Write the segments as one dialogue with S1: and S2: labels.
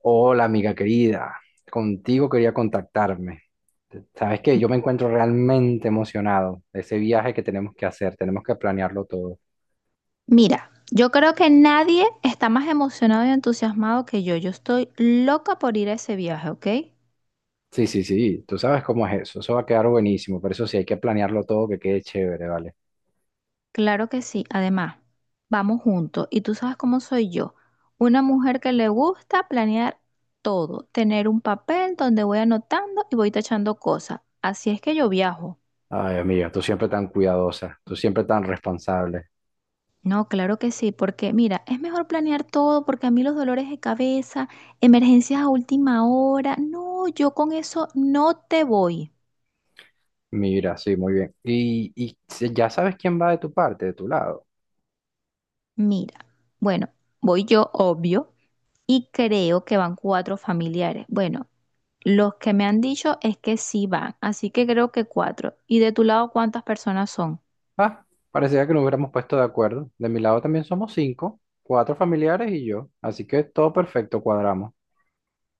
S1: Hola, amiga querida. Contigo quería contactarme. Sabes que yo me encuentro realmente emocionado de ese viaje que tenemos que hacer. Tenemos que planearlo todo.
S2: Mira, yo creo que nadie está más emocionado y entusiasmado que yo. Yo estoy loca por ir a ese viaje, ¿ok?
S1: Sí, sí, sí. Tú sabes cómo es eso. Eso va a quedar buenísimo. Pero eso sí, hay que planearlo todo que quede chévere, ¿vale?
S2: Claro que sí. Además, vamos juntos. Y tú sabes cómo soy yo. Una mujer que le gusta planear todo, tener un papel donde voy anotando y voy tachando cosas. Así es que yo viajo.
S1: Ay, amiga, tú siempre tan cuidadosa. Tú siempre tan responsable.
S2: No, claro que sí, porque mira, es mejor planear todo porque a mí los dolores de cabeza, emergencias a última hora, no, yo con eso no te voy.
S1: Mira, sí, muy bien. Y ya sabes quién va de tu parte, de tu lado.
S2: Mira, bueno, voy yo obvio y creo que van cuatro familiares. Bueno, los que me han dicho es que sí van, así que creo que cuatro. ¿Y de tu lado cuántas personas son?
S1: Ah, parecía que nos hubiéramos puesto de acuerdo. De mi lado también somos cinco, cuatro familiares y yo. Así que todo perfecto, cuadramos.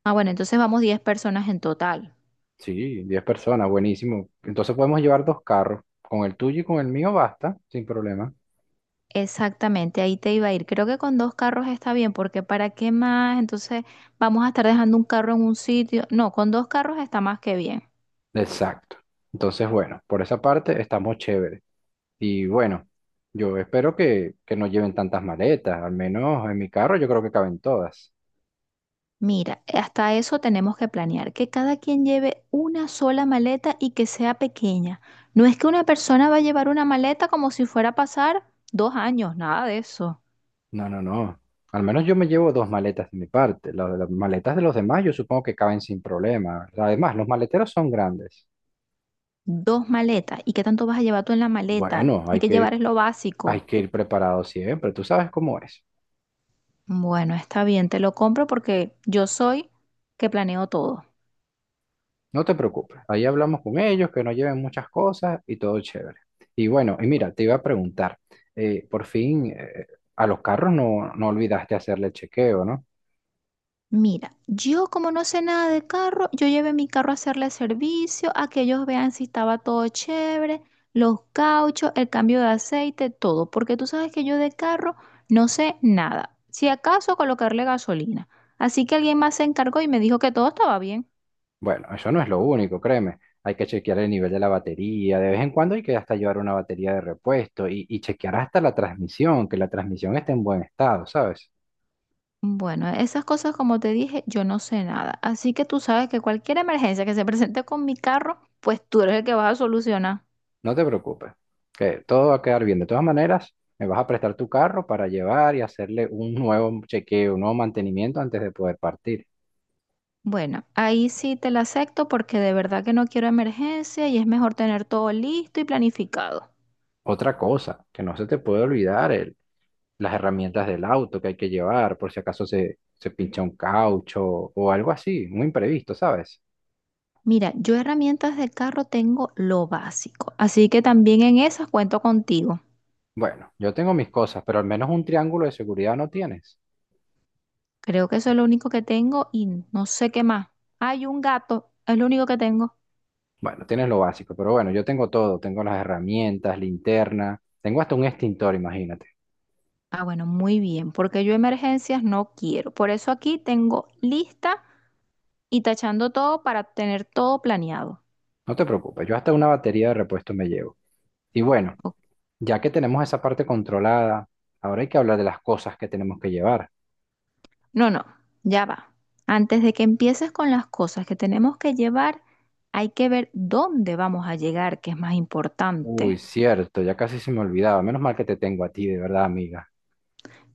S2: Ah, bueno, entonces vamos 10 personas en total.
S1: Sí, 10 personas, buenísimo. Entonces podemos llevar dos carros. Con el tuyo y con el mío basta, sin problema.
S2: Exactamente, ahí te iba a ir. Creo que con dos carros está bien, porque ¿para qué más? Entonces vamos a estar dejando un carro en un sitio. No, con dos carros está más que bien.
S1: Exacto. Entonces, bueno, por esa parte estamos chéveres. Y bueno, yo espero que no lleven tantas maletas. Al menos en mi carro yo creo que caben todas.
S2: Mira, hasta eso tenemos que planear, que cada quien lleve una sola maleta y que sea pequeña. No es que una persona va a llevar una maleta como si fuera a pasar dos años, nada de eso.
S1: No, no, no. Al menos yo me llevo dos maletas de mi parte. Las maletas de los demás yo supongo que caben sin problema. Además, los maleteros son grandes.
S2: Dos maletas. ¿Y qué tanto vas a llevar tú en la maleta?
S1: Bueno,
S2: Hay
S1: hay
S2: que llevar
S1: que,
S2: es lo
S1: hay
S2: básico.
S1: que ir preparado siempre. Tú sabes cómo es.
S2: Bueno, está bien, te lo compro porque yo soy que planeo todo.
S1: No te preocupes, ahí hablamos con ellos, que no lleven muchas cosas y todo chévere. Y bueno, y mira, te iba a preguntar, por fin a los carros no, no olvidaste hacerle el chequeo, ¿no?
S2: Mira, yo como no sé nada de carro, yo llevé mi carro a hacerle servicio, a que ellos vean si estaba todo chévere, los cauchos, el cambio de aceite, todo, porque tú sabes que yo de carro no sé nada, si acaso colocarle gasolina. Así que alguien más se encargó y me dijo que todo estaba bien.
S1: Bueno, eso no es lo único, créeme. Hay que chequear el nivel de la batería, de vez en cuando hay que hasta llevar una batería de repuesto y chequear hasta la transmisión, que la transmisión esté en buen estado, ¿sabes?
S2: Bueno, esas cosas como te dije, yo no sé nada, así que tú sabes que cualquier emergencia que se presente con mi carro, pues tú eres el que vas a solucionar.
S1: No te preocupes, que todo va a quedar bien. De todas maneras, me vas a prestar tu carro para llevar y hacerle un nuevo chequeo, un nuevo mantenimiento antes de poder partir.
S2: Bueno, ahí sí te la acepto porque de verdad que no quiero emergencia y es mejor tener todo listo y planificado.
S1: Otra cosa, que no se te puede olvidar, las herramientas del auto que hay que llevar por si acaso se pincha un caucho o algo así, muy imprevisto, ¿sabes?
S2: Mira, yo herramientas de carro tengo lo básico, así que también en esas cuento contigo.
S1: Bueno, yo tengo mis cosas, pero al menos un triángulo de seguridad no tienes.
S2: Creo que eso es lo único que tengo y no sé qué más. Hay un gato, es lo único que tengo.
S1: Bueno, tienes lo básico, pero bueno, yo tengo todo, tengo las herramientas, linterna, tengo hasta un extintor, imagínate.
S2: Ah, bueno, muy bien, porque yo emergencias no quiero. Por eso aquí tengo lista y tachando todo para tener todo planeado.
S1: No te preocupes, yo hasta una batería de repuesto me llevo. Y bueno,
S2: Ok.
S1: ya que tenemos esa parte controlada, ahora hay que hablar de las cosas que tenemos que llevar.
S2: No, no, ya va. Antes de que empieces con las cosas que tenemos que llevar, hay que ver dónde vamos a llegar, que es más
S1: Uy,
S2: importante.
S1: cierto, ya casi se me olvidaba. Menos mal que te tengo a ti, de verdad, amiga.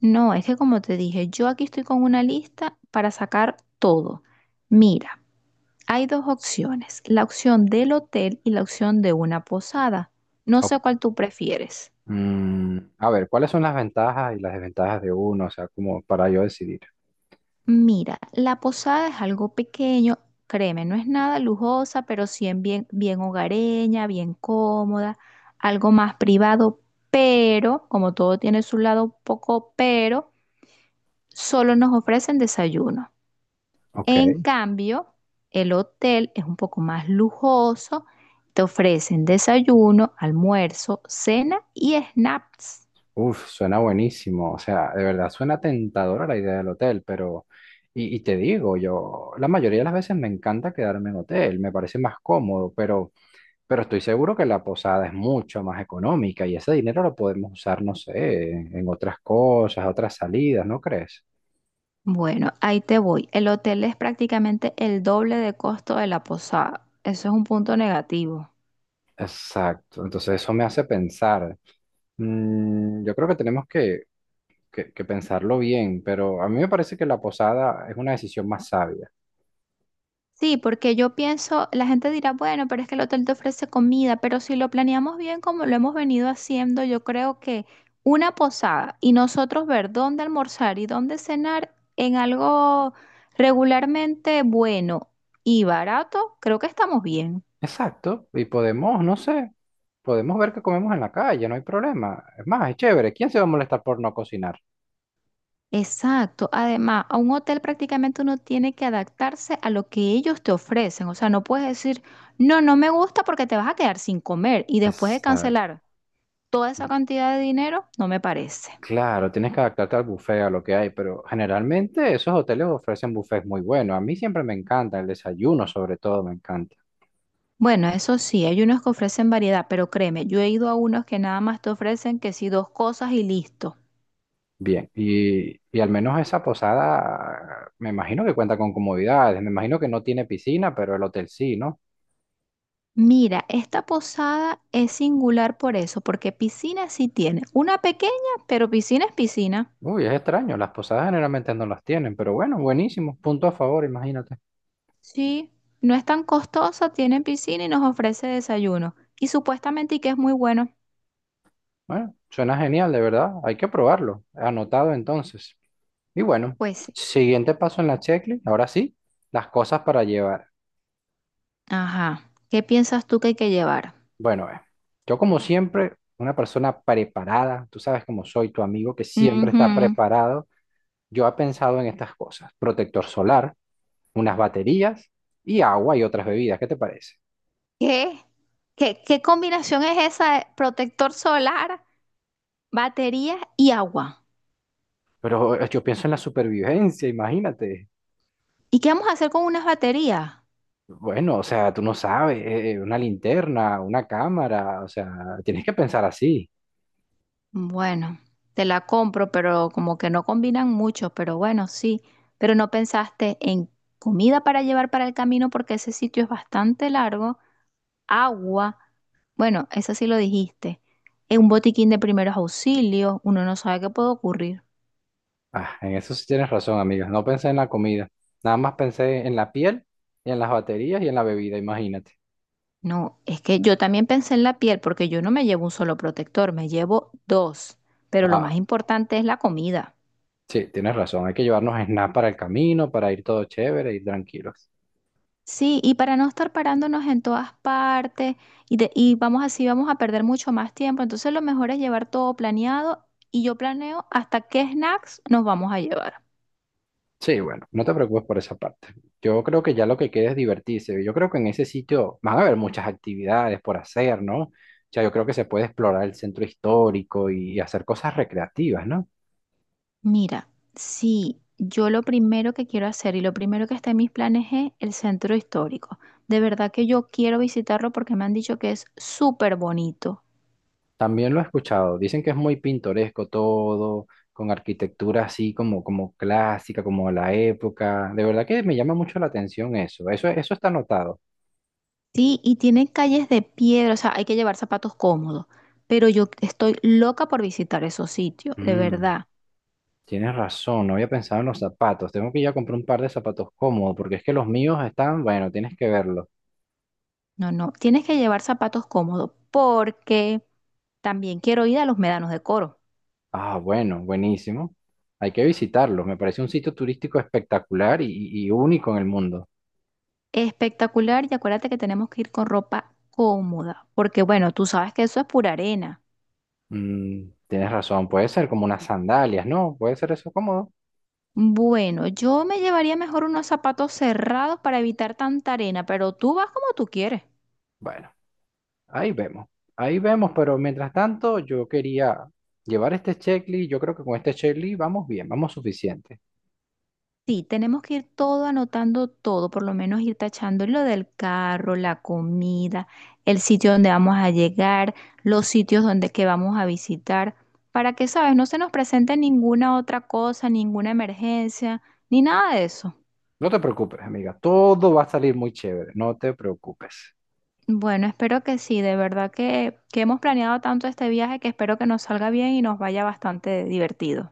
S2: No, es que como te dije, yo aquí estoy con una lista para sacar todo. Mira, hay dos opciones, la opción del hotel y la opción de una posada. No
S1: O-
S2: sé cuál tú prefieres.
S1: a ver, ¿cuáles son las ventajas y las desventajas de uno? O sea, como para yo decidir.
S2: Mira, la posada es algo pequeño, créeme, no es nada lujosa, pero sí en bien, bien hogareña, bien cómoda, algo más privado, pero como todo tiene su lado poco pero, solo nos ofrecen desayuno.
S1: Ok,
S2: En cambio, el hotel es un poco más lujoso, te ofrecen desayuno, almuerzo, cena y snacks.
S1: uf, suena buenísimo. O sea, de verdad, suena tentadora la idea del hotel, pero... Y te digo, yo, la mayoría de las veces me encanta quedarme en hotel, me parece más cómodo, pero estoy seguro que la posada es mucho más económica y ese dinero lo podemos usar, no sé, en otras cosas, otras salidas, ¿no crees?
S2: Bueno, ahí te voy. El hotel es prácticamente el doble de costo de la posada. Eso es un punto negativo.
S1: Exacto, entonces eso me hace pensar. Mm, yo creo que tenemos que pensarlo bien, pero a mí me parece que la posada es una decisión más sabia.
S2: Sí, porque yo pienso, la gente dirá, bueno, pero es que el hotel te ofrece comida, pero si lo planeamos bien como lo hemos venido haciendo, yo creo que una posada y nosotros ver dónde almorzar y dónde cenar en algo regularmente bueno y barato, creo que estamos bien.
S1: Exacto, y podemos, no sé, podemos ver qué comemos en la calle, no hay problema. Es más, es chévere, ¿quién se va a molestar por no cocinar?
S2: Exacto. Además, a un hotel prácticamente uno tiene que adaptarse a lo que ellos te ofrecen. O sea, no puedes decir, no, no me gusta porque te vas a quedar sin comer y después de
S1: Exacto.
S2: cancelar toda esa cantidad de dinero, no me parece.
S1: Claro, tienes que adaptarte al buffet, a lo que hay, pero generalmente esos hoteles ofrecen buffets muy buenos. A mí siempre me encanta el desayuno, sobre todo me encanta.
S2: Bueno, eso sí, hay unos que ofrecen variedad, pero créeme, yo he ido a unos que nada más te ofrecen que sí dos cosas y listo.
S1: Bien, y al menos esa posada, me imagino que cuenta con comodidades, me imagino que no tiene piscina, pero el hotel sí, ¿no?
S2: Mira, esta posada es singular por eso, porque piscina sí tiene. Una pequeña, pero piscina es piscina.
S1: Uy, es extraño, las posadas generalmente no las tienen, pero bueno, buenísimo, punto a favor, imagínate.
S2: Sí, no es tan costosa, tiene piscina y nos ofrece desayuno. Y supuestamente y que es muy bueno.
S1: Bueno, suena genial, de verdad, hay que probarlo, anotado entonces. Y bueno,
S2: Pues sí.
S1: siguiente paso en la checklist, ahora sí, las cosas para llevar.
S2: Ajá. ¿Qué piensas tú que hay que llevar?
S1: Bueno, yo como siempre, una persona preparada, tú sabes cómo soy tu amigo que siempre está
S2: Ujú.
S1: preparado, yo he pensado en estas cosas, protector solar unas baterías y agua y otras bebidas. ¿Qué te parece?
S2: ¿Qué? ¿Qué, qué combinación es esa? De protector solar, baterías y agua.
S1: Pero yo pienso en la supervivencia, imagínate.
S2: ¿Y qué vamos a hacer con unas baterías?
S1: Bueno, o sea, tú no sabes, una linterna, una cámara, o sea, tienes que pensar así.
S2: Bueno, te la compro, pero como que no combinan mucho, pero bueno, sí. Pero no pensaste en comida para llevar para el camino porque ese sitio es bastante largo, agua. Bueno, eso sí lo dijiste. En un botiquín de primeros auxilios, uno no sabe qué puede ocurrir.
S1: Ah, en eso sí tienes razón, amiga. No pensé en la comida, nada más pensé en la piel y en las baterías y en la bebida, imagínate.
S2: No, es que yo también pensé en la piel porque yo no me llevo un solo protector, me llevo dos. Pero lo más
S1: Ah,
S2: importante es la comida.
S1: sí, tienes razón, hay que llevarnos snacks para el camino, para ir todo chévere, ir tranquilos.
S2: Sí, y para no estar parándonos en todas partes y, y vamos así, vamos a perder mucho más tiempo. Entonces lo mejor es llevar todo planeado y yo planeo hasta qué snacks nos vamos a llevar.
S1: Sí, bueno, no te preocupes por esa parte. Yo creo que ya lo que queda es divertirse. Yo creo que en ese sitio van a haber muchas actividades por hacer, ¿no? O sea, yo creo que se puede explorar el centro histórico y hacer cosas recreativas, ¿no?
S2: Mira, sí, yo lo primero que quiero hacer y lo primero que está en mis planes es el centro histórico. De verdad que yo quiero visitarlo porque me han dicho que es súper bonito.
S1: También lo he escuchado. Dicen que es muy pintoresco todo, con arquitectura así como, como clásica, como la época. De verdad que me llama mucho la atención eso. Eso está anotado.
S2: Sí, y tiene calles de piedra, o sea, hay que llevar zapatos cómodos. Pero yo estoy loca por visitar esos sitios, de
S1: Mm,
S2: verdad.
S1: tienes razón, no había pensado en los zapatos. Tengo que ir a comprar un par de zapatos cómodos, porque es que los míos están, bueno, tienes que verlos.
S2: No, no, tienes que llevar zapatos cómodos porque también quiero ir a los médanos de Coro.
S1: Ah, bueno, buenísimo. Hay que visitarlo. Me parece un sitio turístico espectacular y único en el mundo.
S2: Espectacular, y acuérdate que tenemos que ir con ropa cómoda, porque bueno, tú sabes que eso es pura arena.
S1: Mm, tienes razón, puede ser como unas sandalias, ¿no? Puede ser eso cómodo.
S2: Bueno, yo me llevaría mejor unos zapatos cerrados para evitar tanta arena, pero tú vas como tú quieres.
S1: Bueno, ahí vemos. Ahí vemos, pero mientras tanto yo quería llevar este checklist. Yo creo que con este checklist vamos bien, vamos suficiente.
S2: Sí, tenemos que ir todo anotando todo, por lo menos ir tachando lo del carro, la comida, el sitio donde vamos a llegar, los sitios donde que vamos a visitar, para que, sabes, no se nos presente ninguna otra cosa, ninguna emergencia, ni nada de eso.
S1: No te preocupes, amiga. Todo va a salir muy chévere. No te preocupes.
S2: Bueno, espero que sí, de verdad que hemos planeado tanto este viaje que espero que nos salga bien y nos vaya bastante divertido.